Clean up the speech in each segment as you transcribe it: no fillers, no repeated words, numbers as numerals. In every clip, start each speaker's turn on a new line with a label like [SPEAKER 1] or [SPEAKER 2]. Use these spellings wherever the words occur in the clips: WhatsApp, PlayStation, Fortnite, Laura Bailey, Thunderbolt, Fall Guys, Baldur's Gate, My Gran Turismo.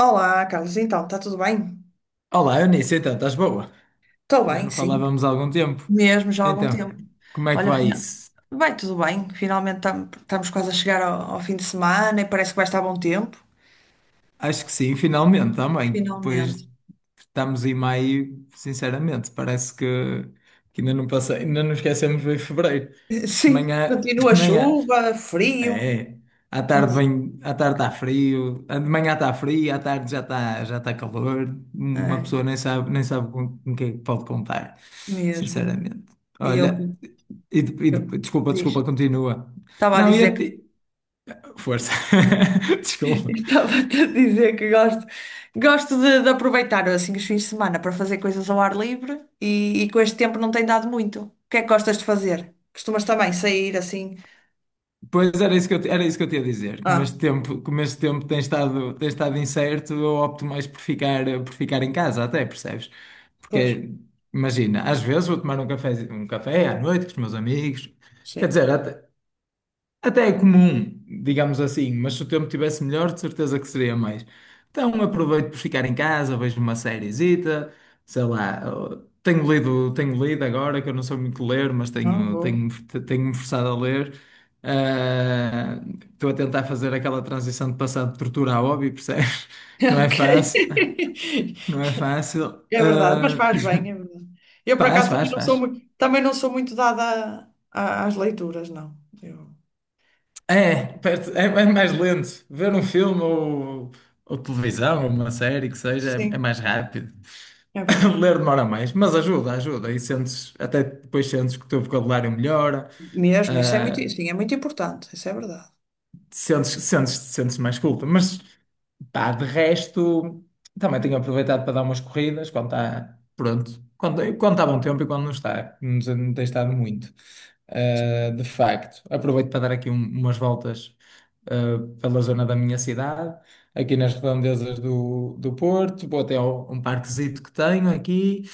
[SPEAKER 1] Olá, Carlos, então, está tudo bem?
[SPEAKER 2] Olá, Eunice, então, estás boa?
[SPEAKER 1] Estou
[SPEAKER 2] Já
[SPEAKER 1] bem,
[SPEAKER 2] não
[SPEAKER 1] sim,
[SPEAKER 2] falávamos há algum tempo.
[SPEAKER 1] mesmo já há algum
[SPEAKER 2] Então,
[SPEAKER 1] tempo.
[SPEAKER 2] como é que
[SPEAKER 1] Olha,
[SPEAKER 2] vai isso?
[SPEAKER 1] vai tudo bem, finalmente estamos quase a chegar ao fim de semana e parece que vai estar bom tempo.
[SPEAKER 2] Acho que sim, finalmente também.
[SPEAKER 1] Finalmente.
[SPEAKER 2] Pois estamos em maio, sinceramente, parece que, ainda não esquecemos de fevereiro. Isto de
[SPEAKER 1] Sim,
[SPEAKER 2] manhã,
[SPEAKER 1] continua a
[SPEAKER 2] de manhã.
[SPEAKER 1] chuva, frio,
[SPEAKER 2] É. À tarde
[SPEAKER 1] mas
[SPEAKER 2] vem, à tarde está frio, de manhã está frio, à tarde já está calor. Uma
[SPEAKER 1] é
[SPEAKER 2] pessoa nem sabe com quem é que pode contar,
[SPEAKER 1] mesmo.
[SPEAKER 2] sinceramente.
[SPEAKER 1] E eu,
[SPEAKER 2] Olha,
[SPEAKER 1] eu-
[SPEAKER 2] desculpa,
[SPEAKER 1] Diz,
[SPEAKER 2] desculpa, continua.
[SPEAKER 1] estava a
[SPEAKER 2] Não, ia
[SPEAKER 1] dizer.
[SPEAKER 2] te... Força. Desculpa.
[SPEAKER 1] Estava-te a dizer que gosto de aproveitar assim os fins de semana para fazer coisas ao ar livre e com este tempo não tem dado muito. O que é que gostas de fazer? Costumas também sair assim?
[SPEAKER 2] Pois era isso que eu tinha a dizer. Como
[SPEAKER 1] Ah,
[SPEAKER 2] este tempo, como este tempo tem estado incerto, eu opto mais por ficar em casa, até, percebes?
[SPEAKER 1] pois,
[SPEAKER 2] Porque, imagina, às vezes vou tomar um café à noite com os meus amigos. Quer
[SPEAKER 1] sim.
[SPEAKER 2] dizer, até é comum, digamos assim, mas se o tempo tivesse melhor, de certeza que seria mais. Então aproveito por ficar em casa, vejo uma sériezita, sei lá, tenho lido agora, que eu não sou muito ler, mas
[SPEAKER 1] Não
[SPEAKER 2] tenho,
[SPEAKER 1] vou.
[SPEAKER 2] tenho, tenho-me forçado a ler. Ah, estou a tentar fazer aquela transição de passar de tortura a hobby, percebes? Não é
[SPEAKER 1] Ok.
[SPEAKER 2] fácil, não é fácil.
[SPEAKER 1] É verdade, mas
[SPEAKER 2] Ah,
[SPEAKER 1] faz bem, é verdade. Eu por
[SPEAKER 2] faz,
[SPEAKER 1] acaso também
[SPEAKER 2] faz,
[SPEAKER 1] não sou
[SPEAKER 2] faz.
[SPEAKER 1] muito, também não sou muito dada às leituras, não. Eu-
[SPEAKER 2] É, é mais lento. Ver um filme ou televisão, ou uma série que seja, é
[SPEAKER 1] Sim,
[SPEAKER 2] mais rápido.
[SPEAKER 1] é verdade.
[SPEAKER 2] Ler demora mais, mas ajuda, ajuda. E sentes, até depois sentes que o teu vocabulário melhora,
[SPEAKER 1] Mesmo, isso é muito,
[SPEAKER 2] ah,
[SPEAKER 1] sim, é muito importante, isso é verdade.
[SPEAKER 2] sentes mais culto. Mas, pá, de resto, também tenho aproveitado para dar umas corridas quando está, pronto, quando está bom tempo e quando não está, não tem estado muito. De facto, aproveito para dar aqui umas voltas pela zona da minha cidade, aqui nas redondezas do Porto, vou até ao, um parquezito que tenho aqui,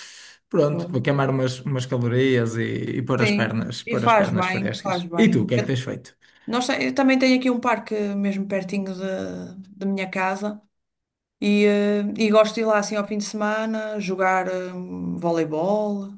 [SPEAKER 2] pronto, vou queimar umas calorias e pôr as
[SPEAKER 1] Sim,
[SPEAKER 2] pernas,
[SPEAKER 1] e
[SPEAKER 2] pôr as
[SPEAKER 1] faz
[SPEAKER 2] pernas
[SPEAKER 1] bem, faz
[SPEAKER 2] frescas. E tu, o
[SPEAKER 1] bem.
[SPEAKER 2] que é que
[SPEAKER 1] Eu,
[SPEAKER 2] tens feito?
[SPEAKER 1] eu também tenho aqui um parque mesmo pertinho da minha casa e gosto de ir lá assim ao fim de semana jogar voleibol.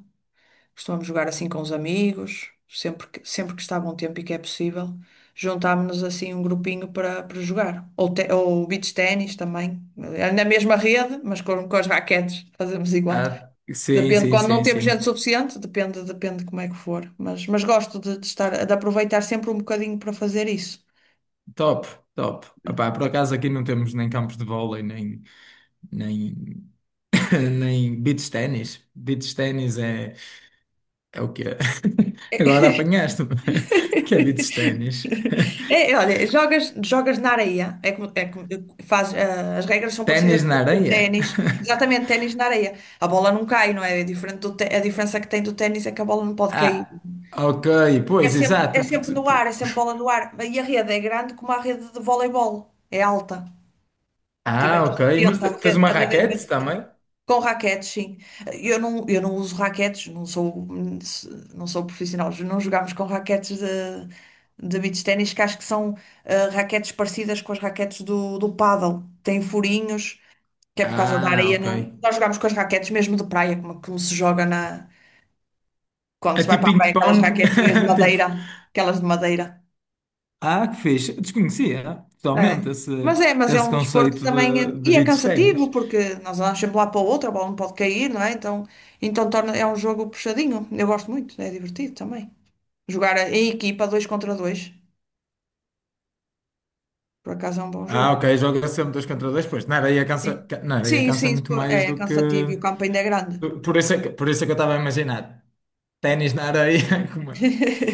[SPEAKER 1] Costumamos jogar assim com os amigos, sempre que está bom tempo e que é possível, juntámos-nos assim um grupinho para jogar. Ou beach ténis também, na mesma rede, mas com as raquetes, fazemos igual.
[SPEAKER 2] Ah, sim,
[SPEAKER 1] Depende,
[SPEAKER 2] sim,
[SPEAKER 1] quando não
[SPEAKER 2] sim,
[SPEAKER 1] temos
[SPEAKER 2] sim.
[SPEAKER 1] gente suficiente, depende como é que for. Mas gosto de estar, de aproveitar sempre um bocadinho para fazer isso.
[SPEAKER 2] Top, top. Epá, por acaso aqui não temos nem campos de vôlei, nem, nem, nem beach ténis. Beach ténis é o quê? Agora apanhaste-me. Que é beach ténis?
[SPEAKER 1] É, olha, jogas na areia. É como, as regras são parecidas
[SPEAKER 2] Ténis na
[SPEAKER 1] com o
[SPEAKER 2] areia?
[SPEAKER 1] ténis. Exatamente, ténis na areia. A bola não cai, não é? É diferente a diferença que tem do ténis é que a bola não pode cair.
[SPEAKER 2] Ah, ok, pois,
[SPEAKER 1] É
[SPEAKER 2] exato.
[SPEAKER 1] sempre no ar, é sempre bola no ar. E a rede é grande como a rede de voleibol. É alta. Tem
[SPEAKER 2] Ah, ok. Mas
[SPEAKER 1] 1,70 m. A
[SPEAKER 2] tens uma
[SPEAKER 1] rede, a rede é de um metro
[SPEAKER 2] raquete
[SPEAKER 1] e setenta.
[SPEAKER 2] também?
[SPEAKER 1] Com raquetes, sim. Eu não uso raquetes, não sou profissional. Não jogamos com raquetes de beach ténis, que acho que são raquetes parecidas com as raquetes do paddle. Têm furinhos, que é por causa da
[SPEAKER 2] Ah,
[SPEAKER 1] areia.
[SPEAKER 2] ok.
[SPEAKER 1] Não. Nós jogamos com as raquetes mesmo de praia, como, como se joga na. Quando
[SPEAKER 2] É
[SPEAKER 1] se vai
[SPEAKER 2] tipo
[SPEAKER 1] para a praia, aquelas
[SPEAKER 2] ping-pong?
[SPEAKER 1] raquetinhas de
[SPEAKER 2] Tipo.
[SPEAKER 1] madeira, aquelas de madeira.
[SPEAKER 2] Ah, que fixe. Eu desconhecia
[SPEAKER 1] É.
[SPEAKER 2] totalmente esse,
[SPEAKER 1] Mas é
[SPEAKER 2] esse
[SPEAKER 1] um desporto
[SPEAKER 2] conceito
[SPEAKER 1] também,
[SPEAKER 2] de
[SPEAKER 1] e é
[SPEAKER 2] beach
[SPEAKER 1] cansativo,
[SPEAKER 2] ténis.
[SPEAKER 1] porque nós andamos sempre lá para o outro, a bola não pode cair, não é? Então torna, é um jogo puxadinho. Eu gosto muito, é divertido também. Jogar em equipa, dois contra dois, por acaso é um bom
[SPEAKER 2] Ah,
[SPEAKER 1] jogo.
[SPEAKER 2] ok, joga sempre dois contra dois, pois.
[SPEAKER 1] Sim,
[SPEAKER 2] Na areia
[SPEAKER 1] sim,
[SPEAKER 2] cansa
[SPEAKER 1] sim,
[SPEAKER 2] muito
[SPEAKER 1] isso
[SPEAKER 2] mais
[SPEAKER 1] é
[SPEAKER 2] do que.
[SPEAKER 1] cansativo e o campo ainda é grande.
[SPEAKER 2] Por isso é que eu estava a imaginar. Ténis na areia, como é?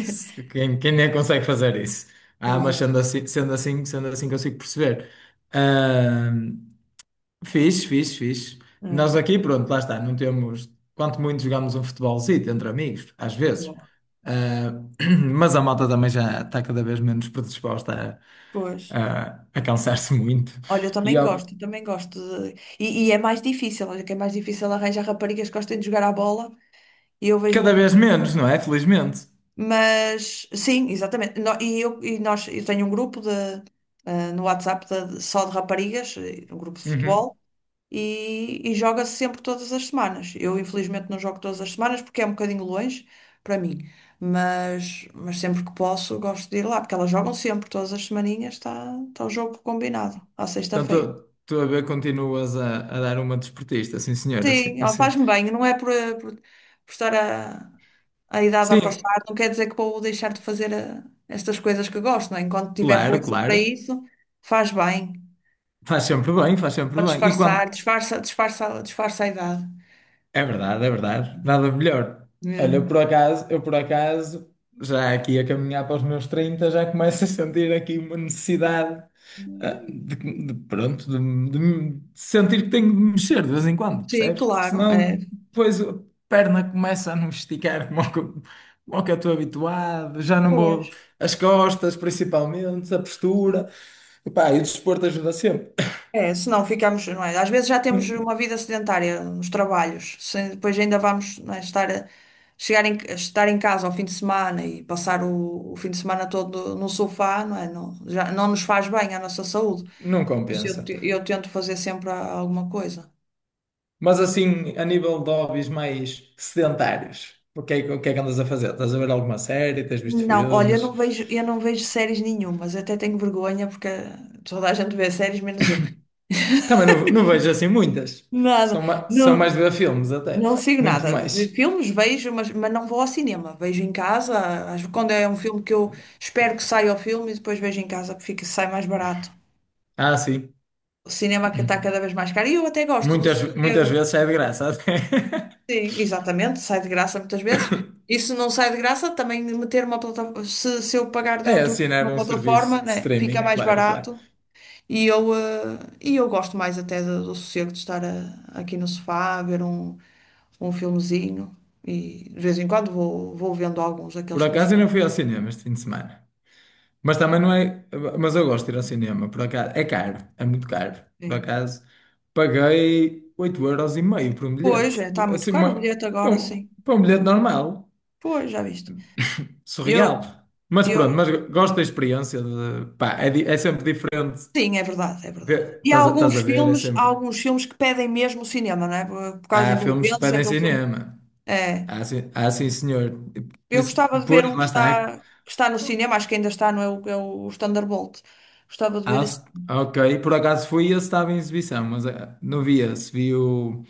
[SPEAKER 2] Quem nem consegue fazer isso? Ah, mas
[SPEAKER 1] Exato.
[SPEAKER 2] sendo assim consigo perceber. Fiz, fiz, fiz. Nós
[SPEAKER 1] É.
[SPEAKER 2] aqui, pronto, lá está, não temos. Quanto muito jogamos um futebolzito entre amigos, às vezes.
[SPEAKER 1] Bom,
[SPEAKER 2] Ah, mas a malta também já está cada vez menos predisposta
[SPEAKER 1] pois.
[SPEAKER 2] a cansar-se muito.
[SPEAKER 1] Olha, eu
[SPEAKER 2] E
[SPEAKER 1] também
[SPEAKER 2] ao-
[SPEAKER 1] gosto, eu também gosto de... E é mais difícil, olha que é mais difícil arranjar raparigas que gostem de jogar à bola e eu
[SPEAKER 2] Cada
[SPEAKER 1] vejo-me.
[SPEAKER 2] vez menos, não é? Felizmente.
[SPEAKER 1] Mas sim, exatamente. Eu tenho um grupo de, no WhatsApp só de raparigas, um grupo de
[SPEAKER 2] Uhum.
[SPEAKER 1] futebol, e joga-se sempre todas as semanas. Eu, infelizmente, não jogo todas as semanas porque é um bocadinho longe para mim, mas sempre que posso, gosto de ir lá, porque elas jogam sempre, todas as semaninhas está o jogo combinado, à
[SPEAKER 2] Então,
[SPEAKER 1] sexta-feira.
[SPEAKER 2] tu a ver, continuas a dar uma desportista, sim, senhor, assim,
[SPEAKER 1] Sim, ó,
[SPEAKER 2] assim.
[SPEAKER 1] faz-me bem, não é por estar a idade a
[SPEAKER 2] Sim,
[SPEAKER 1] passar, não quer dizer que vou deixar de fazer estas coisas que gosto, não é? Enquanto tiver
[SPEAKER 2] claro,
[SPEAKER 1] força para
[SPEAKER 2] claro.
[SPEAKER 1] isso, faz bem,
[SPEAKER 2] Faz sempre bem, faz sempre
[SPEAKER 1] para
[SPEAKER 2] bem. E quando.
[SPEAKER 1] disfarçar, disfarça, disfarça, disfarça a idade
[SPEAKER 2] É verdade, é verdade. Nada melhor. Olha, eu
[SPEAKER 1] mesmo.
[SPEAKER 2] por acaso, eu por acaso, já aqui a caminhar para os meus 30 já começo a sentir aqui uma necessidade, ah, de, pronto, de sentir que tenho de mexer de vez em quando,
[SPEAKER 1] Sim,
[SPEAKER 2] percebes? Porque
[SPEAKER 1] claro,
[SPEAKER 2] senão
[SPEAKER 1] é,
[SPEAKER 2] depois a perna começa a não esticar como é que eu como é que eu estou habituado, já não vou.
[SPEAKER 1] pois.
[SPEAKER 2] As costas, principalmente, a postura. Epá, e o desporto ajuda sempre.
[SPEAKER 1] É, se não ficamos, não é? Às vezes já temos
[SPEAKER 2] Não,
[SPEAKER 1] uma vida sedentária nos trabalhos, depois ainda vamos, não é, estar, a estar em casa ao fim de semana e passar o fim de semana todo no sofá, não é? Não, já, não nos faz bem à nossa saúde.
[SPEAKER 2] não
[SPEAKER 1] Isso. Eu,
[SPEAKER 2] compensa.
[SPEAKER 1] te- eu tento fazer sempre alguma coisa.
[SPEAKER 2] Mas assim, a nível de hobbies mais sedentários, o que é que andas a fazer? Estás a ver alguma série? Tens visto
[SPEAKER 1] Não, olha, eu
[SPEAKER 2] filmes?
[SPEAKER 1] não vejo, eu não vejo séries nenhumas, até tenho vergonha porque toda a gente vê séries, menos eu.
[SPEAKER 2] Também não, não vejo assim muitas.
[SPEAKER 1] Nada,
[SPEAKER 2] São mais
[SPEAKER 1] não.
[SPEAKER 2] de ver filmes até.
[SPEAKER 1] Não sigo
[SPEAKER 2] Muito
[SPEAKER 1] nada.
[SPEAKER 2] mais.
[SPEAKER 1] Filmes vejo, mas não vou ao cinema. Vejo em casa. Quando é um filme que eu espero que saia o filme e depois vejo em casa, porque fica, sai mais barato.
[SPEAKER 2] Ah, sim.
[SPEAKER 1] O cinema que está cada vez mais caro. E eu até gosto do
[SPEAKER 2] Muitas,
[SPEAKER 1] sossego.
[SPEAKER 2] muitas vezes é de graça até.
[SPEAKER 1] Sim, exatamente. Sai de graça muitas vezes. E se não sai de graça, também meter uma plataforma. Se eu pagar
[SPEAKER 2] É
[SPEAKER 1] durante uma
[SPEAKER 2] assinar um serviço
[SPEAKER 1] plataforma,
[SPEAKER 2] de
[SPEAKER 1] né, fica
[SPEAKER 2] streaming,
[SPEAKER 1] mais
[SPEAKER 2] claro, claro.
[SPEAKER 1] barato. E eu gosto mais até do sossego de estar aqui no sofá, a ver um filmezinho e de vez em quando vou vendo alguns
[SPEAKER 2] Por
[SPEAKER 1] daqueles que me
[SPEAKER 2] acaso eu
[SPEAKER 1] chamam.
[SPEAKER 2] não fui ao cinema este fim de semana. Mas também não é. Mas eu gosto de ir ao cinema, por acaso. É caro, é muito caro. Por
[SPEAKER 1] É.
[SPEAKER 2] acaso, paguei 8,50 € por um
[SPEAKER 1] Pois,
[SPEAKER 2] bilhete.
[SPEAKER 1] é, está muito
[SPEAKER 2] Assim,
[SPEAKER 1] caro o bilhete
[SPEAKER 2] para
[SPEAKER 1] agora, sim.
[SPEAKER 2] um bilhete normal.
[SPEAKER 1] Pois, já viste.
[SPEAKER 2] Surreal.
[SPEAKER 1] Eu,
[SPEAKER 2] Mas
[SPEAKER 1] eu,
[SPEAKER 2] pronto, mas gosto da experiência. É é sempre diferente.
[SPEAKER 1] sim, é verdade, é verdade. E há
[SPEAKER 2] Estás a, estás
[SPEAKER 1] alguns
[SPEAKER 2] a ver? É
[SPEAKER 1] filmes, há
[SPEAKER 2] sempre.
[SPEAKER 1] alguns filmes que pedem mesmo o cinema, não é? Por causa da
[SPEAKER 2] Há filmes que
[SPEAKER 1] envolvência,
[SPEAKER 2] pedem
[SPEAKER 1] aquele filme.
[SPEAKER 2] cinema.
[SPEAKER 1] É.
[SPEAKER 2] Há sim, senhor. E por
[SPEAKER 1] Eu
[SPEAKER 2] isso,
[SPEAKER 1] gostava de ver
[SPEAKER 2] depois,
[SPEAKER 1] um que
[SPEAKER 2] lá está.
[SPEAKER 1] está, que está no cinema, acho que ainda está, não é o, é o Thunderbolt. Gostava de ver esse.
[SPEAKER 2] Ok, por acaso fui e ele estava em exibição, mas não vi esse. Vi o,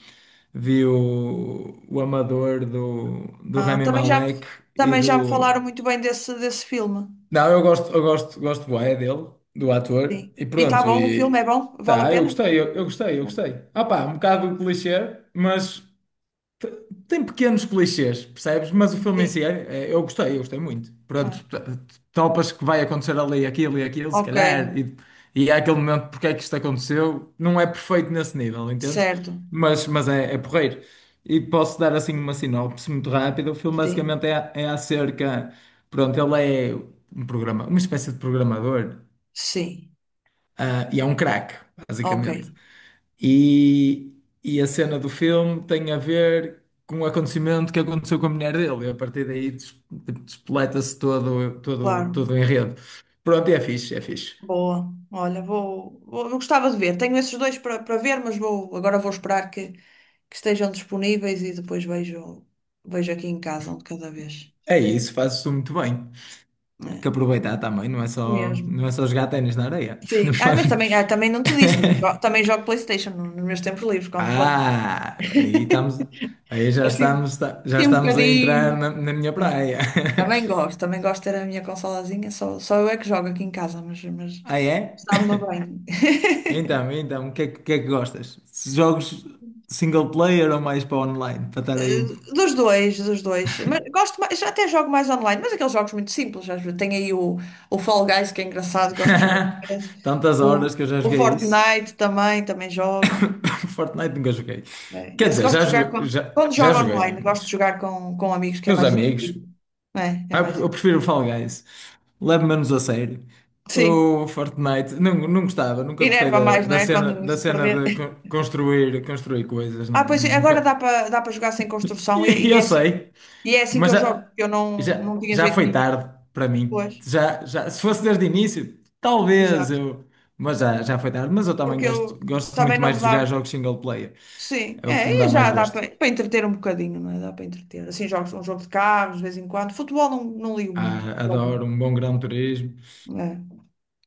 [SPEAKER 2] vi o, o Amador do
[SPEAKER 1] Ah,
[SPEAKER 2] Rami
[SPEAKER 1] também já, me-
[SPEAKER 2] Malek e
[SPEAKER 1] também já me
[SPEAKER 2] do.
[SPEAKER 1] falaram muito bem desse filme.
[SPEAKER 2] Não, gosto bué dele, do
[SPEAKER 1] Sim.
[SPEAKER 2] ator, e
[SPEAKER 1] E está
[SPEAKER 2] pronto,
[SPEAKER 1] bom, o filme é
[SPEAKER 2] e
[SPEAKER 1] bom? Vale a
[SPEAKER 2] tá, eu
[SPEAKER 1] pena?
[SPEAKER 2] gostei, eu gostei, eu gostei. Ah pá, um bocado clichê, mas tem pequenos clichês, percebes? Mas o filme em si,
[SPEAKER 1] Sim.
[SPEAKER 2] eu gostei muito.
[SPEAKER 1] Ah,
[SPEAKER 2] Pronto, topas que vai acontecer ali aquilo e aquilo, se
[SPEAKER 1] ok,
[SPEAKER 2] calhar, e é aquele momento porque é que isto aconteceu. Não é perfeito nesse nível, entendes?
[SPEAKER 1] certo.
[SPEAKER 2] Mas é porreiro. E posso dar assim uma sinopse muito rápida. O filme
[SPEAKER 1] Sim,
[SPEAKER 2] basicamente é acerca. Pronto, ele é um programa, uma espécie de programador,
[SPEAKER 1] sim.
[SPEAKER 2] e é um craque,
[SPEAKER 1] Ok,
[SPEAKER 2] basicamente. E, e a cena do filme tem a ver com o acontecimento que aconteceu com a mulher dele. E a partir daí tipo, despoleta-se todo, todo,
[SPEAKER 1] claro.
[SPEAKER 2] todo o enredo. Pronto, e é fixe, é fixe.
[SPEAKER 1] Boa. Olha, eu gostava de ver. Tenho esses dois para ver, mas vou agora vou esperar que estejam disponíveis e depois vejo aqui em casa um de cada vez.
[SPEAKER 2] É isso, fazes tu muito bem. Há
[SPEAKER 1] É,
[SPEAKER 2] que aproveitar também, não é só,
[SPEAKER 1] mesmo.
[SPEAKER 2] não é só jogar ténis na areia. No
[SPEAKER 1] Sim. Ah, mas
[SPEAKER 2] fundo.
[SPEAKER 1] também não te disse, também jogo, também jogo PlayStation nos meus tempos livres, quando
[SPEAKER 2] Ah, aí estamos, aí
[SPEAKER 1] assim,
[SPEAKER 2] já
[SPEAKER 1] assim um
[SPEAKER 2] estamos a entrar
[SPEAKER 1] bocadinho.
[SPEAKER 2] na minha
[SPEAKER 1] É,
[SPEAKER 2] praia.
[SPEAKER 1] Também gosto, também gosto de ter a minha consolazinha, só eu é que jogo aqui em casa, mas
[SPEAKER 2] Ah, é?
[SPEAKER 1] sabe-me bem.
[SPEAKER 2] Então, o que é que gostas? Jogos single player ou mais para online? Para estar
[SPEAKER 1] Eh,
[SPEAKER 2] aí
[SPEAKER 1] Dos dois, dos dois. Mas gosto mais, já até jogo mais online, mas aqueles jogos muito simples. Às vezes. Tem aí o Fall Guys, que é engraçado, gosto de jogar com eles.
[SPEAKER 2] tantas
[SPEAKER 1] O,
[SPEAKER 2] horas que eu já
[SPEAKER 1] o
[SPEAKER 2] joguei isso.
[SPEAKER 1] Fortnite também jogo,
[SPEAKER 2] Fortnite nunca joguei.
[SPEAKER 1] né?
[SPEAKER 2] Quer
[SPEAKER 1] Esse
[SPEAKER 2] dizer,
[SPEAKER 1] gosto de
[SPEAKER 2] já
[SPEAKER 1] jogar
[SPEAKER 2] joguei,
[SPEAKER 1] com,
[SPEAKER 2] já,
[SPEAKER 1] quando
[SPEAKER 2] já
[SPEAKER 1] jogo
[SPEAKER 2] joguei,
[SPEAKER 1] online, gosto de
[SPEAKER 2] mas
[SPEAKER 1] jogar com amigos, que é
[SPEAKER 2] com os
[SPEAKER 1] mais
[SPEAKER 2] amigos.
[SPEAKER 1] divertido. É
[SPEAKER 2] Ah, Eu,
[SPEAKER 1] mais
[SPEAKER 2] pre- eu
[SPEAKER 1] divertido.
[SPEAKER 2] prefiro o Fall Guys. Leve-me menos a sério.
[SPEAKER 1] Sim,
[SPEAKER 2] O Fortnite, não, não gostava, nunca gostei
[SPEAKER 1] enerva
[SPEAKER 2] da,
[SPEAKER 1] mais, não
[SPEAKER 2] da
[SPEAKER 1] é?
[SPEAKER 2] cena,
[SPEAKER 1] Quando
[SPEAKER 2] da
[SPEAKER 1] se
[SPEAKER 2] cena,
[SPEAKER 1] perder.
[SPEAKER 2] de construir coisas. Não,
[SPEAKER 1] Ah, pois é, agora dá
[SPEAKER 2] nunca.
[SPEAKER 1] para dá para jogar sem construção e,
[SPEAKER 2] E
[SPEAKER 1] e é
[SPEAKER 2] eu
[SPEAKER 1] assim,
[SPEAKER 2] sei.
[SPEAKER 1] e é assim que
[SPEAKER 2] Mas
[SPEAKER 1] eu jogo,
[SPEAKER 2] já,
[SPEAKER 1] porque eu não,
[SPEAKER 2] já,
[SPEAKER 1] não tinha
[SPEAKER 2] já
[SPEAKER 1] jeito
[SPEAKER 2] foi
[SPEAKER 1] nenhum.
[SPEAKER 2] tarde para mim.
[SPEAKER 1] Pois,
[SPEAKER 2] Já, se fosse desde o início, talvez
[SPEAKER 1] exato.
[SPEAKER 2] eu. Mas já foi tarde. Mas eu também
[SPEAKER 1] Porque
[SPEAKER 2] gosto,
[SPEAKER 1] ele
[SPEAKER 2] gosto
[SPEAKER 1] também
[SPEAKER 2] muito
[SPEAKER 1] não
[SPEAKER 2] mais
[SPEAKER 1] me
[SPEAKER 2] de jogar
[SPEAKER 1] dava.
[SPEAKER 2] jogos single player.
[SPEAKER 1] Sim,
[SPEAKER 2] É o que me
[SPEAKER 1] é, e
[SPEAKER 2] dá mais
[SPEAKER 1] já dá
[SPEAKER 2] gosto.
[SPEAKER 1] para entreter um bocadinho, não é? Dá para entreter. Assim, jogos, um jogo de carros, de vez em quando. Futebol não ligo muito.
[SPEAKER 2] Ah,
[SPEAKER 1] Jogo,
[SPEAKER 2] adoro um bom Gran Turismo.
[SPEAKER 1] é.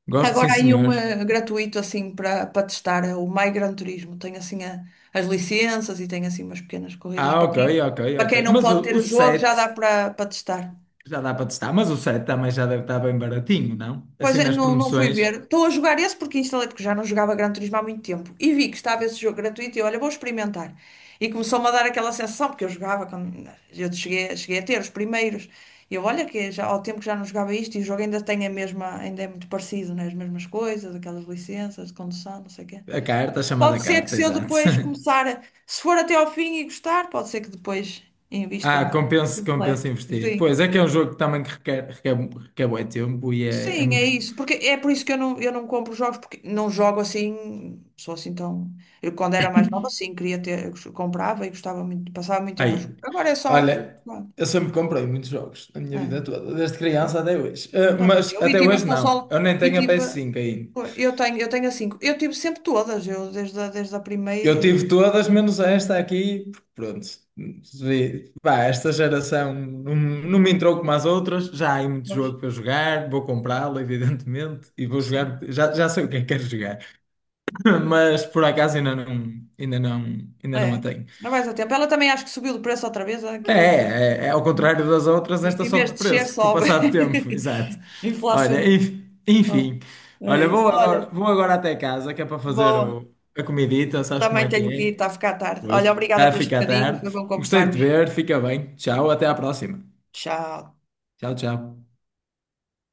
[SPEAKER 2] Gosto, sim,
[SPEAKER 1] Agora aí um
[SPEAKER 2] senhor.
[SPEAKER 1] gratuito, assim, para testar, é o My Gran Turismo. Tem, assim, as licenças e tem, assim, umas pequenas corridas.
[SPEAKER 2] Ah,
[SPEAKER 1] Para
[SPEAKER 2] ok,
[SPEAKER 1] quem,
[SPEAKER 2] ok,
[SPEAKER 1] para
[SPEAKER 2] ok.
[SPEAKER 1] quem não
[SPEAKER 2] Mas
[SPEAKER 1] pode
[SPEAKER 2] o,
[SPEAKER 1] ter
[SPEAKER 2] o
[SPEAKER 1] o jogo, já dá
[SPEAKER 2] 7
[SPEAKER 1] para testar.
[SPEAKER 2] já dá para testar. Mas o 7 também já deve estar bem baratinho, não?
[SPEAKER 1] Pois
[SPEAKER 2] Assim
[SPEAKER 1] é,
[SPEAKER 2] nas
[SPEAKER 1] não fui
[SPEAKER 2] promoções.
[SPEAKER 1] ver. Estou a jogar esse porque instalei, porque já não jogava Gran Turismo há muito tempo. E vi que estava esse jogo gratuito e olha, vou experimentar. E começou-me a dar aquela sensação, porque eu jogava quando eu cheguei a ter os primeiros. E eu, olha, que já, ao tempo que já não jogava isto e o jogo ainda tem a mesma, ainda é muito parecido, né? As mesmas coisas, aquelas licenças de condução, não sei o quê.
[SPEAKER 2] A carta, a chamada
[SPEAKER 1] Pode ser que
[SPEAKER 2] carta,
[SPEAKER 1] se eu
[SPEAKER 2] exato.
[SPEAKER 1] depois começar, se for até ao fim e gostar, pode ser que depois invista
[SPEAKER 2] Ah,
[SPEAKER 1] no
[SPEAKER 2] compensa, compensa
[SPEAKER 1] completo.
[SPEAKER 2] investir.
[SPEAKER 1] Sim.
[SPEAKER 2] Pois, é que é um jogo que também que requer, requer, requer bué tempo e é
[SPEAKER 1] Sim, é
[SPEAKER 2] muito.
[SPEAKER 1] isso. Porque é por isso que eu não compro jogos, porque não jogo assim, sou assim tão. Eu quando era mais nova, sim, queria ter, eu comprava e gostava muito, passava muito tempo a
[SPEAKER 2] Aí,
[SPEAKER 1] jogar. Agora é só.
[SPEAKER 2] olha,
[SPEAKER 1] Pronto,
[SPEAKER 2] eu sempre comprei muitos jogos na minha vida
[SPEAKER 1] é.
[SPEAKER 2] toda, desde criança até hoje. Ah,
[SPEAKER 1] Também
[SPEAKER 2] mas
[SPEAKER 1] eu. E
[SPEAKER 2] até
[SPEAKER 1] tive as
[SPEAKER 2] hoje não,
[SPEAKER 1] consolas,
[SPEAKER 2] eu nem
[SPEAKER 1] e
[SPEAKER 2] tenho a
[SPEAKER 1] tive.
[SPEAKER 2] PS5 ainda.
[SPEAKER 1] Eu tenho a cinco. Eu tive sempre todas, eu desde a primeira.
[SPEAKER 2] Eu tive todas, menos esta aqui, porque pronto. Pá, esta geração não, não me entrou como as outras, já há aí muito
[SPEAKER 1] Mas,
[SPEAKER 2] jogo para eu jogar, vou comprá-lo, evidentemente, e vou
[SPEAKER 1] sim.
[SPEAKER 2] jogar, já sei o que é que quero jogar. mas por acaso ainda não, ainda não a
[SPEAKER 1] É.
[SPEAKER 2] tenho.
[SPEAKER 1] Não vais a tempo. Ela também acho que subiu de preço outra vez,
[SPEAKER 2] É,
[SPEAKER 1] aquilo.
[SPEAKER 2] é, é é ao contrário das outras, esta
[SPEAKER 1] Em vez
[SPEAKER 2] sobe
[SPEAKER 1] de
[SPEAKER 2] de
[SPEAKER 1] descer,
[SPEAKER 2] preço com o
[SPEAKER 1] sobe.
[SPEAKER 2] passar do tempo, exato. Olha,
[SPEAKER 1] Inflaciona. Ah,
[SPEAKER 2] enfim,
[SPEAKER 1] é
[SPEAKER 2] olha,
[SPEAKER 1] isso. Olha.
[SPEAKER 2] vou agora até casa que é para fazer
[SPEAKER 1] Boa.
[SPEAKER 2] a comidita, sabes como
[SPEAKER 1] Também
[SPEAKER 2] é que
[SPEAKER 1] tenho que ir,
[SPEAKER 2] é?
[SPEAKER 1] está a ficar tarde.
[SPEAKER 2] Pois.
[SPEAKER 1] Olha, obrigada
[SPEAKER 2] Está a
[SPEAKER 1] por este
[SPEAKER 2] ficar
[SPEAKER 1] bocadinho,
[SPEAKER 2] tarde.
[SPEAKER 1] foi bom
[SPEAKER 2] Gostei de te
[SPEAKER 1] conversarmos.
[SPEAKER 2] ver, fica bem. Tchau, até à próxima.
[SPEAKER 1] Tchau.
[SPEAKER 2] Tchau, tchau.